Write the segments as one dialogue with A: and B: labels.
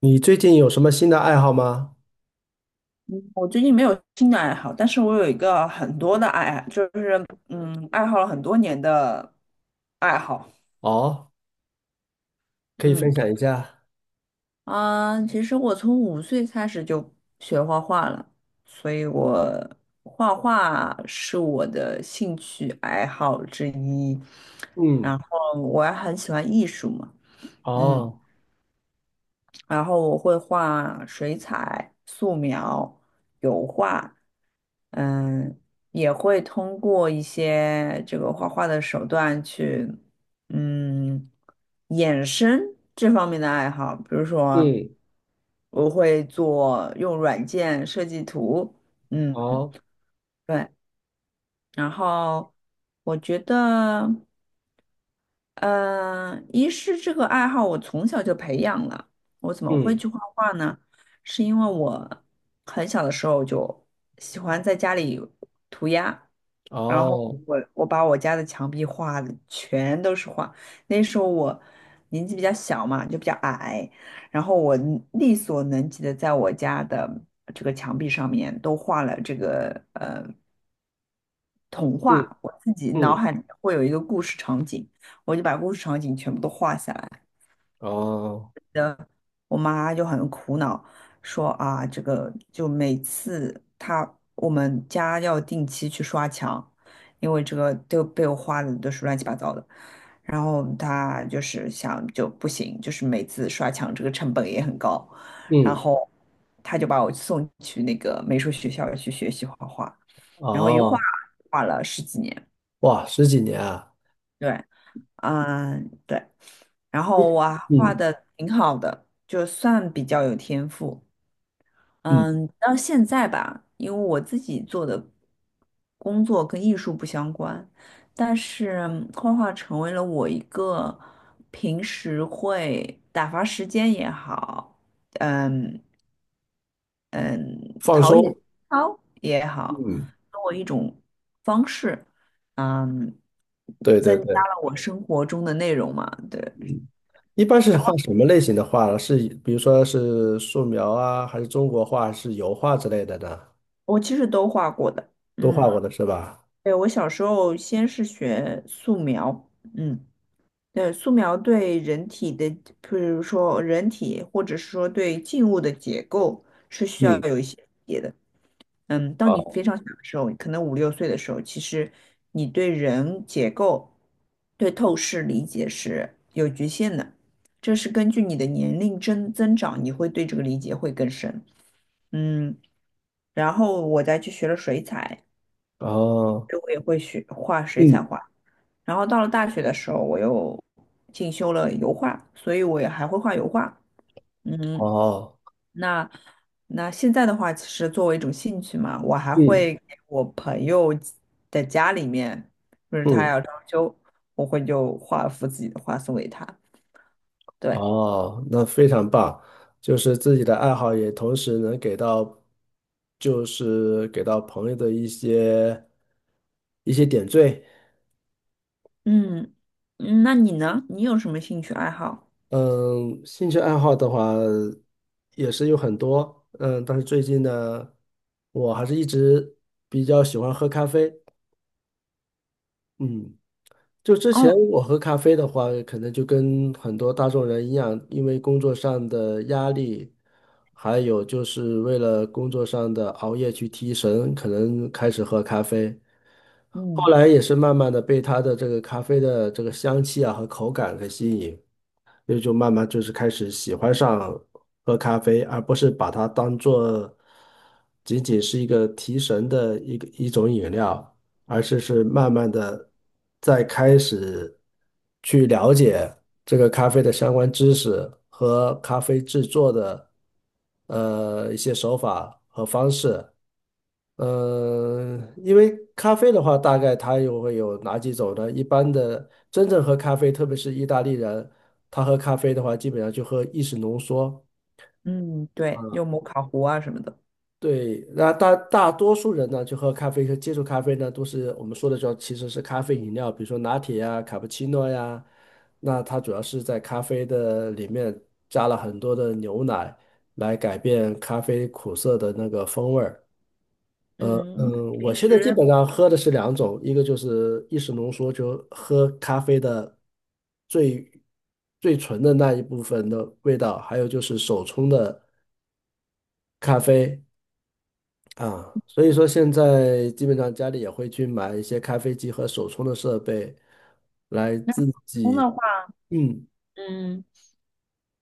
A: 你最近有什么新的爱好吗？
B: 我最近没有新的爱好，但是我有一个很多的爱，爱好了很多年的爱好。
A: 哦，可以分享一下。
B: 嗯，其实我从5岁开始就学画画了，所以我画画是我的兴趣爱好之一。
A: 嗯。
B: 然后我还很喜欢艺术嘛，嗯。
A: 哦。
B: 然后我会画水彩、素描、油画，嗯，也会通过一些这个画画的手段去，嗯，衍生这方面的爱好。比如说，
A: 嗯。
B: 我会做用软件设计图，嗯，
A: 哦。
B: 对。然后我觉得。一是这个爱好我从小就培养了。我怎么会
A: 嗯。
B: 去画画呢？是因为我很小的时候就喜欢在家里涂鸦，然后
A: 哦。
B: 我把我家的墙壁画的全都是画。那时候我年纪比较小嘛，就比较矮，然后我力所能及的在我家的这个墙壁上面都画了这个童
A: 嗯。
B: 话，我自己脑
A: 嗯。
B: 海里会有一个故事场景，我就把故事场景全部都画下来。
A: 哦。
B: 我妈就很苦恼，说啊，这个就每次她我们家要定期去刷墙，因为这个都被我画的都是乱七八糟的。然后她就是想就不行，就是每次刷墙这个成本也很高，然
A: 嗯。
B: 后她就把我送去那个美术学校去学习画画，然后一画
A: 哦。
B: 画了10几年。
A: 哇，十几年啊！
B: 对，嗯，对。然后我还画
A: 嗯。
B: 的挺好的，就算比较有天赋。
A: 嗯，
B: 嗯，到现在吧，因为我自己做的工作跟艺术不相关，但是画画成为了我一个平时会打发时间也好，嗯，
A: 放松。
B: 好也好，
A: 嗯，
B: 跟我一种方式，嗯，
A: 对对
B: 增加
A: 对。
B: 了我生活中的内容嘛，对。
A: 一般是画什么类型的画呢？是比如说是素描啊，还是中国画，还是油画之类的呢？
B: 我其实都画过的，
A: 都画
B: 嗯，
A: 过的是吧？
B: 对，我小时候先是学素描，嗯，对，素描对人体的，比如说人体或者是说对静物的结构是需要
A: 嗯。
B: 有一些理解的，嗯，当你
A: 哦。
B: 非常小的时候，可能5、6岁的时候，其实你对人结构、对透视理解是有局限的，这是根据你的年龄增长，你会对这个理解会更深，嗯，然后我再去学了水彩。
A: 哦。
B: 就我也会学画水彩
A: 嗯。
B: 画。然后到了大学的时候，我又进修了油画，所以我也还会画油画。嗯，
A: 哦。
B: 那那现在的话，其实作为一种兴趣嘛，我还
A: 嗯。
B: 会给我朋友的家里面，就是他
A: 嗯。
B: 要装修，我会就画一幅自己的画送给他。对，
A: 哦，那非常棒，就是自己的爱好也同时能给到，就是给到朋友的一些一些点缀。
B: 嗯，嗯那你呢？你有什么兴趣爱好？
A: 嗯，兴趣爱好的话也是有很多，但是最近呢，我还是一直比较喜欢喝咖啡。嗯。就之前
B: 哦，
A: 我喝咖啡的话，可能就跟很多大众人一样，因为工作上的压力，还有就是为了工作上的熬夜去提神，可能开始喝咖啡。后
B: 嗯
A: 来也是慢慢的被他的这个咖啡的这个香气啊和口感给吸引，也就慢慢就是开始喜欢上喝咖啡，而不是把它当做仅仅是一个提神的一个一种饮料。而是慢慢的在开始去了解这个咖啡的相关知识和咖啡制作的一些手法和方式。因为咖啡的话，大概它又会有哪几种呢？一般的，真正喝咖啡，特别是意大利人，他喝咖啡的话，基本上就喝意式浓缩。
B: 嗯，对，
A: 啊。
B: 就摩卡壶啊什么的。
A: 对，那大大多数人呢，就喝咖啡和接触咖啡呢，都是我们说的叫其实是咖啡饮料，比如说拿铁呀、卡布奇诺呀。那它主要是在咖啡的里面加了很多的牛奶，来改变咖啡苦涩的那个风味儿。
B: 嗯，你
A: 我
B: 平
A: 现在基
B: 时？
A: 本上喝的是两种，一个就是意式浓缩，就喝咖啡的最最纯的那一部分的味道，还有就是手冲的咖啡。啊，所以说现在基本上家里也会去买一些咖啡机和手冲的设备，来
B: 那普
A: 自
B: 通
A: 己，
B: 的话，
A: 嗯，
B: 嗯，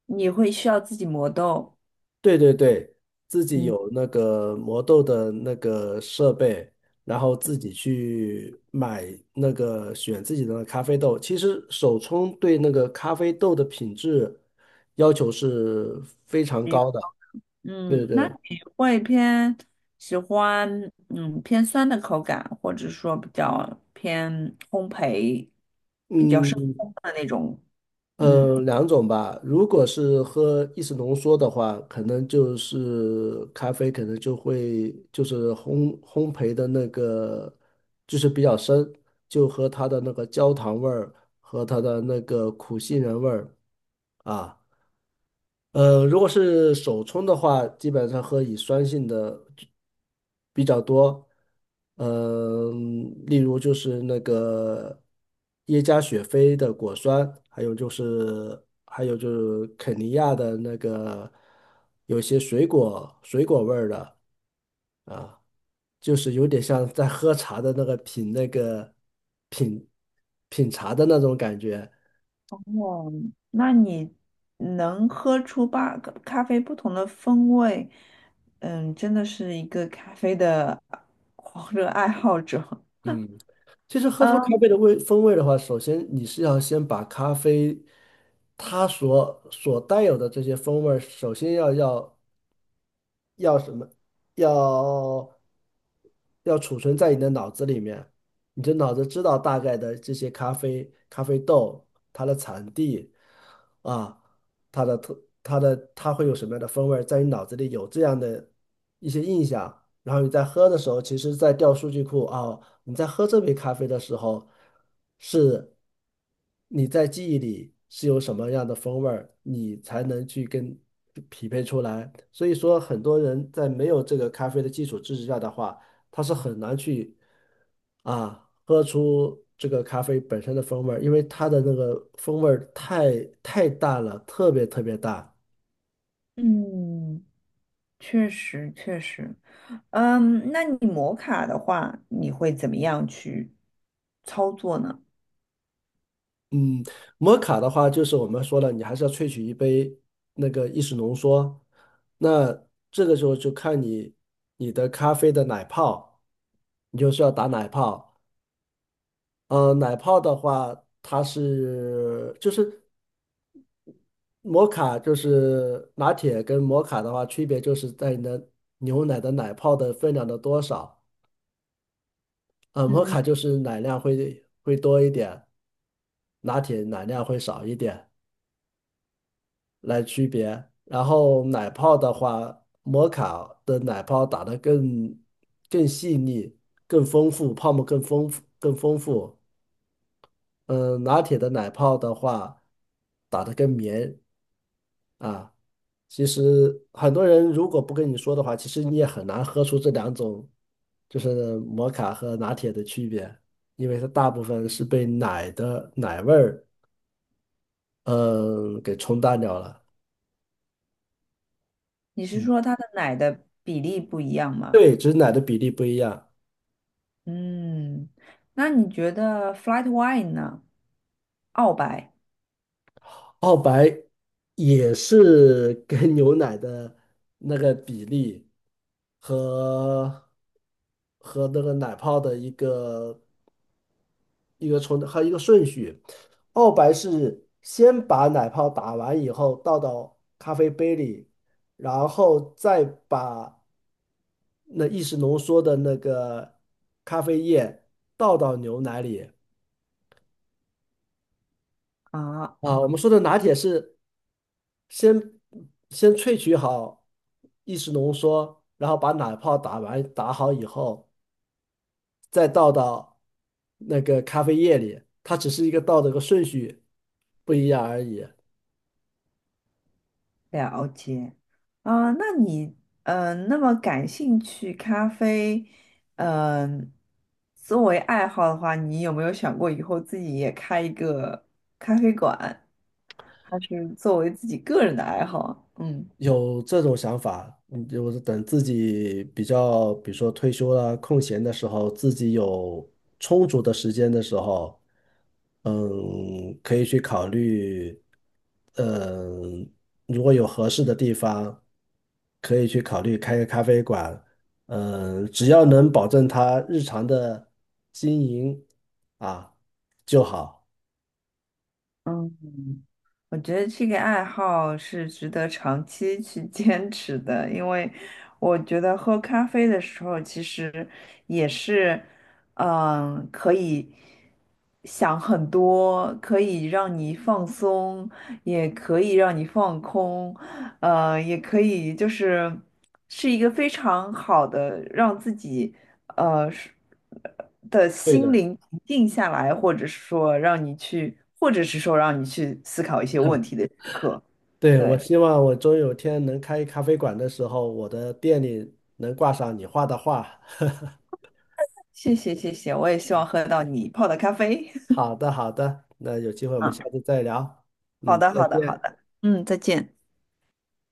B: 你会需要自己磨豆，
A: 对对对，自己
B: 嗯，
A: 有那个磨豆的那个设备，然后自己去买那个选自己的咖啡豆。其实手冲对那个咖啡豆的品质要求是非常
B: 这个
A: 高的。对对
B: 嗯，那
A: 对。
B: 你会偏喜欢偏酸的口感，或者说比较偏烘焙，比较深
A: 嗯，
B: 烘的那种，嗯，
A: 两种吧。如果是喝意式浓缩的话，可能就是咖啡，可能就会就是烘焙的那个，就是比较深，就和它的那个焦糖味儿和它的那个苦杏仁味儿啊。呃，如果是手冲的话，基本上喝乙酸性的比较多，嗯、例如就是那个耶加雪菲的果酸，还有就是肯尼亚的那个有些水果味儿的，就是有点像在喝茶的那个品品茶的那种感觉。
B: 哦，那你能喝出个咖啡不同的风味，嗯，真的是一个咖啡的狂热爱好者，
A: 嗯，其实喝出咖
B: 嗯
A: 啡的味风味的话，首先你是要先把咖啡它所带有的这些风味儿首先要什么，要要储存在你的脑子里面。你就脑子知道大概的这些咖啡、咖啡豆、它的产地啊，它的它会有什么样的风味儿在你脑子里有这样的一些印象，然后你在喝的时候，其实在调数据库啊，你在喝这杯咖啡的时候，是你在记忆里是有什么样的风味儿你才能去跟匹配出来。所以说，很多人在没有这个咖啡的基础知识下的话，它是很难去喝出这个咖啡本身的风味儿，因为它的那个风味儿太淡了，特别淡。
B: 嗯，确实确实。嗯，那你摩卡的话，你会怎么样去操作呢？
A: 嗯，摩卡的话，就是我们说了，你还是要萃取一杯那个意式浓缩，那这个时候就看你咖啡的奶泡，你就是要打奶泡。嗯，奶泡的话，它是就是。拿铁跟摩卡的话，区别就是在你的牛奶的奶泡的分量的多少。呃，摩
B: 嗯，
A: 卡就是奶量会多一点，拿铁奶量会少一点来区别。然后奶泡的话，摩卡的奶泡打得更细腻、更丰富，泡沫更丰富。嗯、拿铁的奶泡的话，打得更绵，啊。其实很多人如果不跟你说的话，其实你也很难喝出这两种，就是摩卡和拿铁的区别，因为它大部分是被奶的奶味儿，嗯，给冲淡掉了。
B: 你是
A: 嗯，
B: 说它的奶的比例不一样吗？
A: 对，只是奶的比例不一样。
B: 嗯，那你觉得 flat white 呢？澳白
A: 澳白也是跟 牛奶的那个比例和那个奶泡的一个一个还有一个顺序。澳白是先把奶泡打完以后倒到咖啡杯里，然后再把那意式浓缩的那个咖啡液倒到牛奶里。
B: 啊
A: 啊，我们
B: 啊，
A: 说的拿铁是先先萃取好意式浓缩，然后把奶泡打完打好以后，再倒到那个咖啡液里，它只是一个倒的一个顺序不一样而已。
B: 了解啊。那你那么感兴趣咖啡，嗯、作为爱好的话，你有没有想过以后自己也开一个咖啡馆，还是作为自己个人的爱好？嗯。
A: 有这种想法，嗯，就是等自己比较，比如说退休了、空闲的时候，自己有充足的时间的时候，嗯，可以去考虑，嗯，如果有合适的地方，可以去考虑开个咖啡馆，嗯，只要能保证他日常的经营啊就好。
B: 嗯，我觉得这个爱好是值得长期去 坚持的，因为我觉得喝咖啡的时候，其实也是，嗯，可以想很多，可以让你放松，也可以让你放空，也可以，就是是一个非常好的让自己呃是的
A: 对
B: 心
A: 的。
B: 灵平静下来，或者是说让你去，或者是说让你去思考一些问题的时刻。
A: 对，我
B: 对，
A: 希望我终有天能开咖啡馆的时候，我的店里能挂上你画的画。
B: 谢谢谢谢，我也希望喝到你泡的咖啡。
A: 好的，好的，那有机会我们
B: 嗯，
A: 下次再聊。
B: 好
A: 嗯，
B: 的
A: 再
B: 好的好
A: 见。
B: 的，嗯，再见。